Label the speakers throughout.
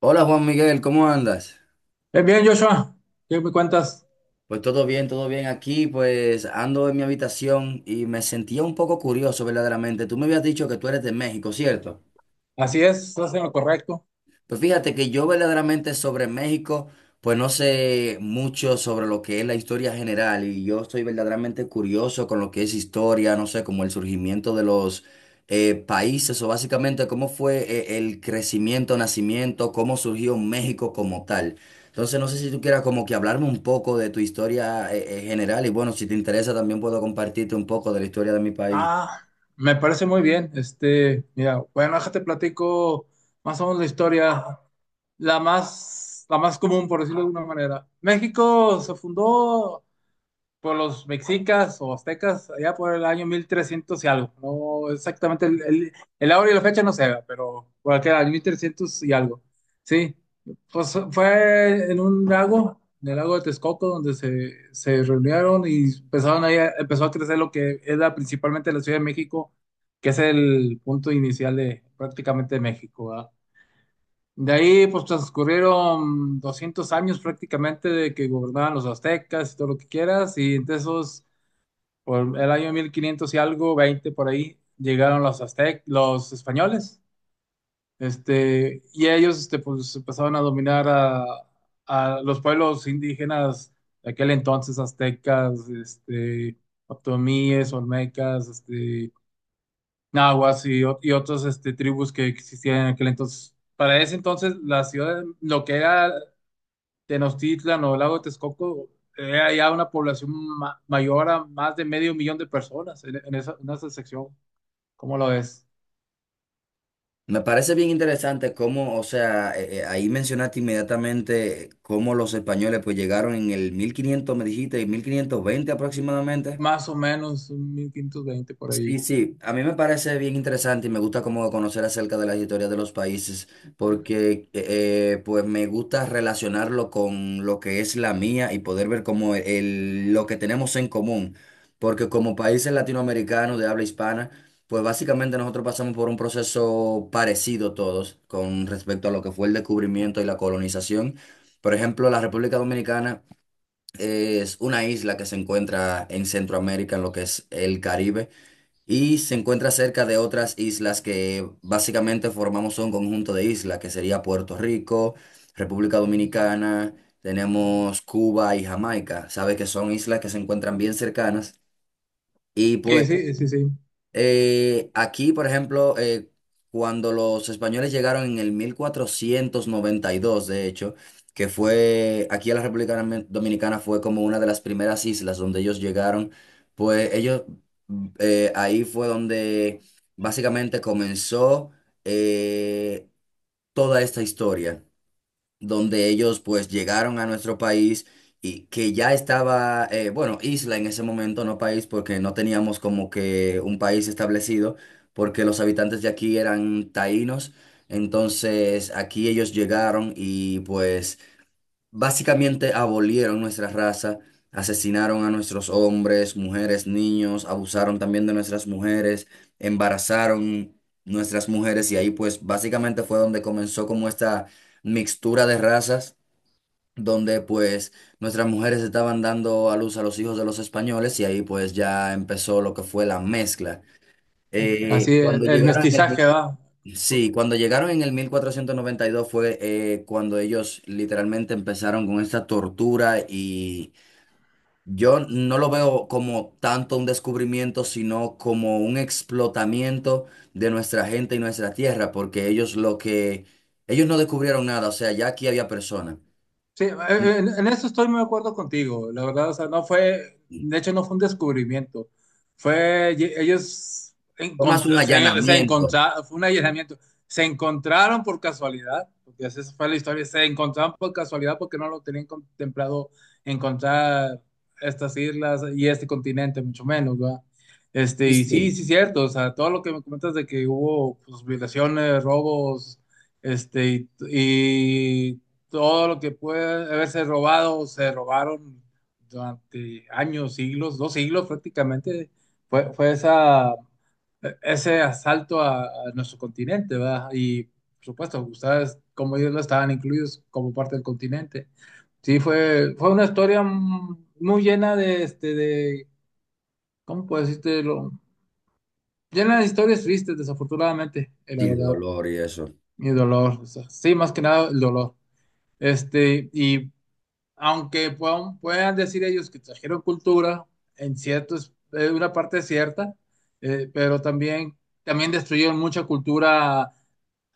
Speaker 1: Hola Juan Miguel, ¿cómo andas?
Speaker 2: Bien, bien, Joshua, ¿qué me cuentas?
Speaker 1: Pues todo bien aquí, pues ando en mi habitación y me sentía un poco curioso verdaderamente. Tú me habías dicho que tú eres de México, ¿cierto?
Speaker 2: Así es, estás en lo correcto.
Speaker 1: Pues fíjate que yo verdaderamente sobre México, pues no sé mucho sobre lo que es la historia general y yo estoy verdaderamente curioso con lo que es historia, no sé, como el surgimiento de los países o básicamente cómo fue el crecimiento, nacimiento, cómo surgió México como tal. Entonces no sé si tú quieras como que hablarme un poco de tu historia general y bueno, si te interesa también puedo compartirte un poco de la historia de mi país.
Speaker 2: Ah, me parece muy bien. Este, mira, bueno, déjate platico más o menos la historia, la más común, por decirlo de alguna manera. México se fundó por los mexicas o aztecas, allá por el año 1300 y algo. No exactamente el hora y la fecha no se ve, pero por aquel año 1300 y algo. Sí, pues fue en un lago, en el lago de Texcoco, donde se reunieron y empezaron ahí, empezó a crecer lo que era principalmente la Ciudad de México, que es el punto inicial de prácticamente México, ¿verdad? De ahí pues transcurrieron 200 años prácticamente de que gobernaban los aztecas y todo lo que quieras, y entre esos por el año 1500 y algo, 20 por ahí, llegaron los aztecas, los españoles, este, y ellos este, pues, empezaron a dominar a los pueblos indígenas de aquel entonces, aztecas, este, otomíes, olmecas, este, nahuas y, y otras este, tribus que existían en aquel entonces. Para ese entonces, la ciudad, lo que era Tenochtitlan o el lago de Texcoco, hay ya una población mayor a más de medio millón de personas en esa sección. ¿Cómo lo ves?
Speaker 1: Me parece bien interesante cómo, o sea, ahí mencionaste inmediatamente cómo los españoles pues llegaron en el 1500 me dijiste, y 1520 aproximadamente.
Speaker 2: Más o menos un 1520 por
Speaker 1: Sí,
Speaker 2: ahí.
Speaker 1: sí, a mí me parece bien interesante y me gusta como conocer acerca de las historias de los países porque pues me gusta relacionarlo con lo que es la mía y poder ver como el, lo que tenemos en común. Porque como países latinoamericanos de habla hispana, pues básicamente nosotros pasamos por un proceso parecido todos con respecto a lo que fue el descubrimiento y la colonización. Por ejemplo, la República Dominicana es una isla que se encuentra en Centroamérica, en lo que es el Caribe y se encuentra cerca de otras islas que básicamente formamos un conjunto de islas, que sería Puerto Rico, República Dominicana, tenemos Cuba y Jamaica. Sabes que son islas que se encuentran bien cercanas y
Speaker 2: Sí,
Speaker 1: pues
Speaker 2: sí, sí, sí.
Speaker 1: aquí, por ejemplo, cuando los españoles llegaron en el 1492, de hecho, que fue aquí a la República Dominicana, fue como una de las primeras islas donde ellos llegaron, pues ellos, ahí fue donde básicamente comenzó eh, toda esta historia donde ellos pues llegaron a nuestro país y que ya estaba, bueno, isla en ese momento, no país, porque no teníamos como que un país establecido, porque los habitantes de aquí eran taínos, entonces aquí ellos llegaron y pues... Básicamente abolieron nuestra raza, asesinaron a nuestros hombres, mujeres, niños, abusaron también de nuestras mujeres, embarazaron nuestras mujeres y ahí pues básicamente fue donde comenzó como esta mixtura de razas, donde pues nuestras mujeres estaban dando a luz a los hijos de los españoles y ahí pues ya empezó lo que fue la mezcla. Eh,
Speaker 2: Así es,
Speaker 1: cuando
Speaker 2: el
Speaker 1: llegaron...
Speaker 2: mestizaje, ¿verdad?
Speaker 1: Sí, cuando llegaron en el 1492 fue cuando ellos literalmente empezaron con esta tortura y yo no lo veo como tanto un descubrimiento, sino como un explotamiento de nuestra gente y nuestra tierra, porque ellos lo que, ellos no descubrieron nada, o sea, ya aquí había personas.
Speaker 2: Sí, en eso estoy muy de acuerdo contigo. La verdad, o sea, no fue, de hecho, no fue un descubrimiento. Fue, ellos
Speaker 1: Fue más un
Speaker 2: se
Speaker 1: allanamiento.
Speaker 2: encontraron, fue un allanamiento. Se encontraron por casualidad, porque así fue la historia. Se encontraron por casualidad porque no lo tenían contemplado encontrar estas islas y este continente, mucho menos, ¿verdad? Este,
Speaker 1: Y
Speaker 2: y sí,
Speaker 1: sí,
Speaker 2: sí, cierto. O sea, todo lo que me comentas de que hubo pues, violaciones, robos, este, y todo lo que puede haberse robado, se robaron durante años, siglos, 2 siglos prácticamente, fue esa, ese asalto a nuestro continente, ¿verdad? Y por supuesto, ustedes, como ellos no estaban incluidos como parte del continente. Sí, fue una historia muy llena de, este, de, ¿cómo puedo decirte? Llena de historias tristes, desafortunadamente,
Speaker 1: sí,
Speaker 2: la
Speaker 1: de
Speaker 2: verdad,
Speaker 1: dolor y eso.
Speaker 2: y dolor. O sea, sí, más que nada el dolor. Este, y aunque puedan decir ellos que trajeron cultura, en cierto, es una parte cierta, pero también destruyeron mucha cultura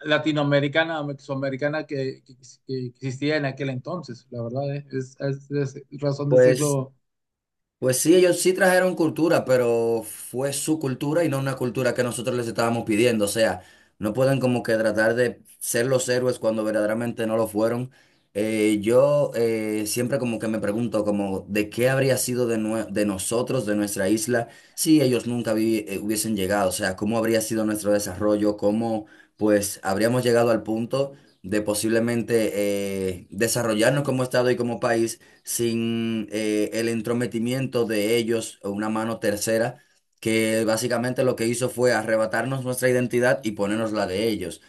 Speaker 2: latinoamericana, mesoamericana que existía en aquel entonces, la verdad, es razón
Speaker 1: Pues
Speaker 2: decirlo,
Speaker 1: Pues sí, ellos sí trajeron cultura, pero fue su cultura y no una cultura que nosotros les estábamos pidiendo. O sea, no pueden como que tratar de ser los héroes cuando verdaderamente no lo fueron. Yo siempre como que me pregunto como de qué habría sido de, de nosotros, de nuestra isla, si ellos nunca hubiesen llegado. O sea, cómo habría sido nuestro desarrollo, cómo pues habríamos llegado al punto de posiblemente desarrollarnos como estado y como país sin el entrometimiento de ellos o una mano tercera, que básicamente lo que hizo fue arrebatarnos nuestra identidad y ponernos la de ellos.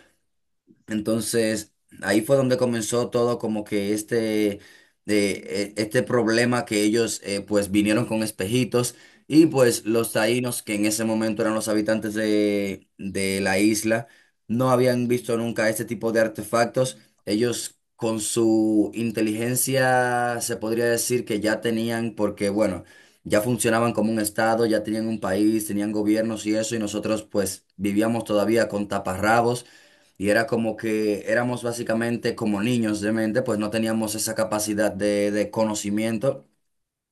Speaker 1: Entonces, ahí fue donde comenzó todo como que este, de, este problema que ellos pues vinieron con espejitos y pues los taínos, que en ese momento eran los habitantes de la isla, no habían visto nunca este tipo de artefactos. Ellos con su inteligencia se podría decir que ya tenían, porque bueno, ya funcionaban como un estado, ya tenían un país, tenían gobiernos y eso, y nosotros pues vivíamos todavía con taparrabos. Y era como que éramos básicamente como niños de mente, pues no teníamos esa capacidad de conocimiento.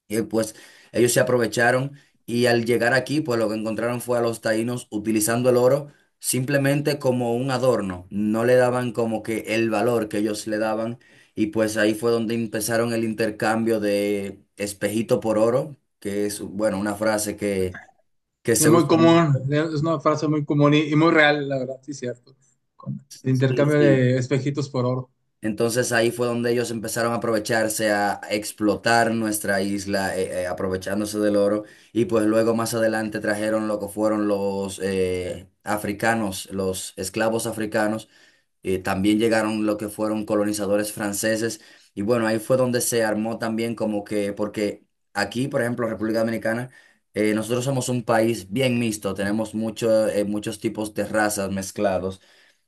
Speaker 1: Y pues ellos se aprovecharon y al llegar aquí, pues lo que encontraron fue a los taínos utilizando el oro simplemente como un adorno. No le daban como que el valor que ellos le daban. Y pues ahí fue donde empezaron el intercambio de espejito por oro, que es, bueno, una frase que
Speaker 2: y es
Speaker 1: se
Speaker 2: muy
Speaker 1: usa
Speaker 2: común,
Speaker 1: mucho.
Speaker 2: es una frase muy común y muy real, la verdad, sí, cierto, con el
Speaker 1: Sí,
Speaker 2: intercambio
Speaker 1: sí.
Speaker 2: de espejitos por oro.
Speaker 1: Entonces ahí fue donde ellos empezaron a aprovecharse, a explotar nuestra isla, aprovechándose del oro. Y pues luego más adelante trajeron lo que fueron los africanos, los esclavos africanos. También llegaron lo que fueron colonizadores franceses. Y bueno, ahí fue donde se armó también como que, porque aquí, por ejemplo, República Dominicana, nosotros somos un país bien mixto, tenemos mucho, muchos tipos de razas mezclados.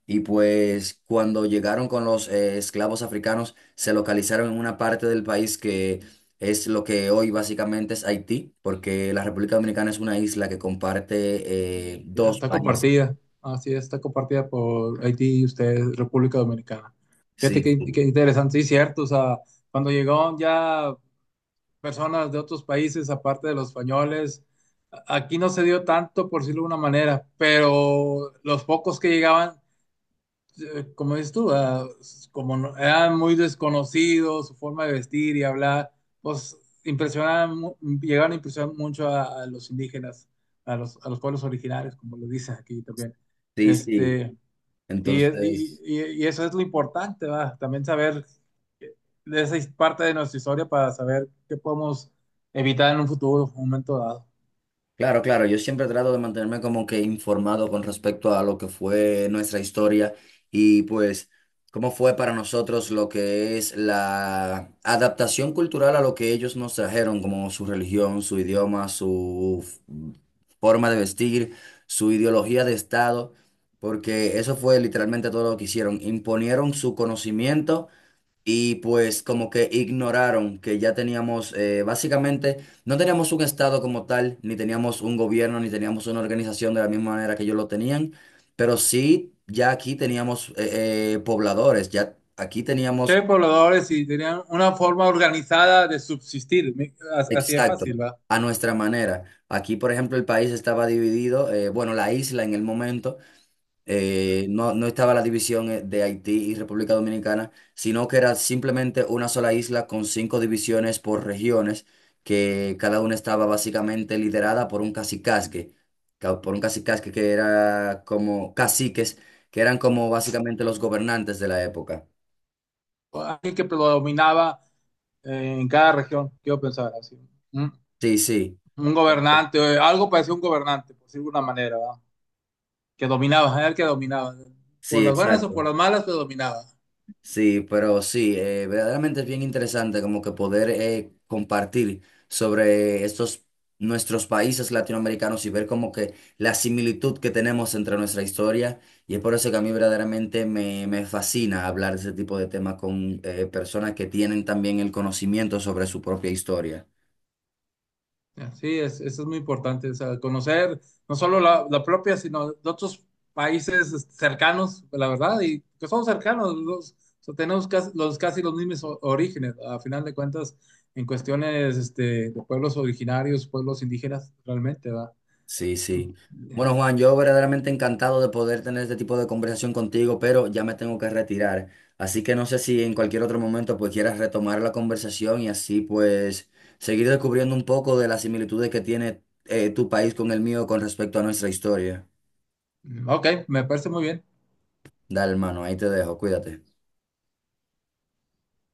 Speaker 1: Y pues cuando llegaron con los esclavos africanos, se localizaron en una parte del país que es lo que hoy básicamente es Haití, porque la República Dominicana es una isla que comparte dos
Speaker 2: Está
Speaker 1: países.
Speaker 2: compartida. Así es, está compartida por Haití y ustedes, República Dominicana. Fíjate
Speaker 1: Sí,
Speaker 2: qué
Speaker 1: sí,
Speaker 2: interesante, sí, cierto. O sea, cuando llegaron ya personas de otros países, aparte de los españoles, aquí no se dio tanto, por decirlo de una manera, pero los pocos que llegaban como dices tú, ah, s- como no- eran muy desconocidos, su forma de vestir y hablar, pues impresionaban, llegaron a impresionar mucho a los indígenas, a los pueblos originarios, como lo dicen aquí también.
Speaker 1: sí. Sí.
Speaker 2: Este, y, es- y-
Speaker 1: Entonces...
Speaker 2: y- y eso es lo importante, ¿va? También saber eh, de esa parte de nuestra historia para saber qué podemos evitar en un futuro, un momento dado.
Speaker 1: Claro, claro, yo siempre trato de mantenerme como que informado con respecto a lo que fue nuestra historia y pues cómo fue para nosotros lo que es la adaptación cultural a lo que ellos nos trajeron, como su religión, su idioma, su forma de vestir, su ideología de Estado, porque eso fue literalmente todo lo que hicieron, imponieron su conocimiento y pues como que ignoraron que ya teníamos, básicamente, no teníamos un estado como tal, ni teníamos un gobierno, ni teníamos una organización de la misma manera que ellos lo tenían, pero sí, ya aquí teníamos pobladores, ya aquí teníamos,
Speaker 2: Que pobladores y tenían una forma organizada de subsistir, así de
Speaker 1: exacto,
Speaker 2: fácil, ¿va?
Speaker 1: a nuestra manera. Aquí, por ejemplo, el país estaba dividido, bueno, la isla en el momento no, no estaba la división de Haití y República Dominicana, sino que era simplemente una sola isla con cinco divisiones por regiones, que cada una estaba básicamente liderada por un cacicazgue, por un cacicazgue que era como caciques, que eran como básicamente los gobernantes de la época.
Speaker 2: Alguien que predominaba en cada región, quiero pensar así. Un,
Speaker 1: Sí, sí,
Speaker 2: un gobernante, algo parecía un gobernante, por decirlo de alguna manera, ¿verdad? Que dominaba, era el que dominaba. Por
Speaker 1: sí,
Speaker 2: las buenas o
Speaker 1: exacto.
Speaker 2: por las malas, pero dominaba.
Speaker 1: Sí, pero sí, verdaderamente es bien interesante como que poder compartir sobre estos nuestros países latinoamericanos y ver como que la similitud que tenemos entre nuestra historia y es por eso que a mí verdaderamente me fascina hablar de ese tipo de temas con personas que tienen también el conocimiento sobre su propia historia.
Speaker 2: Sí, eso es muy importante, o sea, conocer no solo la propia, sino de otros países cercanos, la verdad, y que son cercanos, los, o sea, tenemos casi los mismos orígenes, a final de cuentas, en cuestiones este, de pueblos originarios, pueblos indígenas, realmente, ¿verdad?
Speaker 1: Sí, sí. Bueno, Juan, yo verdaderamente encantado de poder tener este tipo de conversación contigo, pero ya me tengo que retirar. Así que no sé si en cualquier otro momento pues quieras retomar la conversación y así pues seguir descubriendo un poco de las similitudes que tiene tu país con el mío con respecto a nuestra historia.
Speaker 2: Mm, Ok, me parece muy bien.
Speaker 1: Dale, hermano, ahí te dejo, cuídate.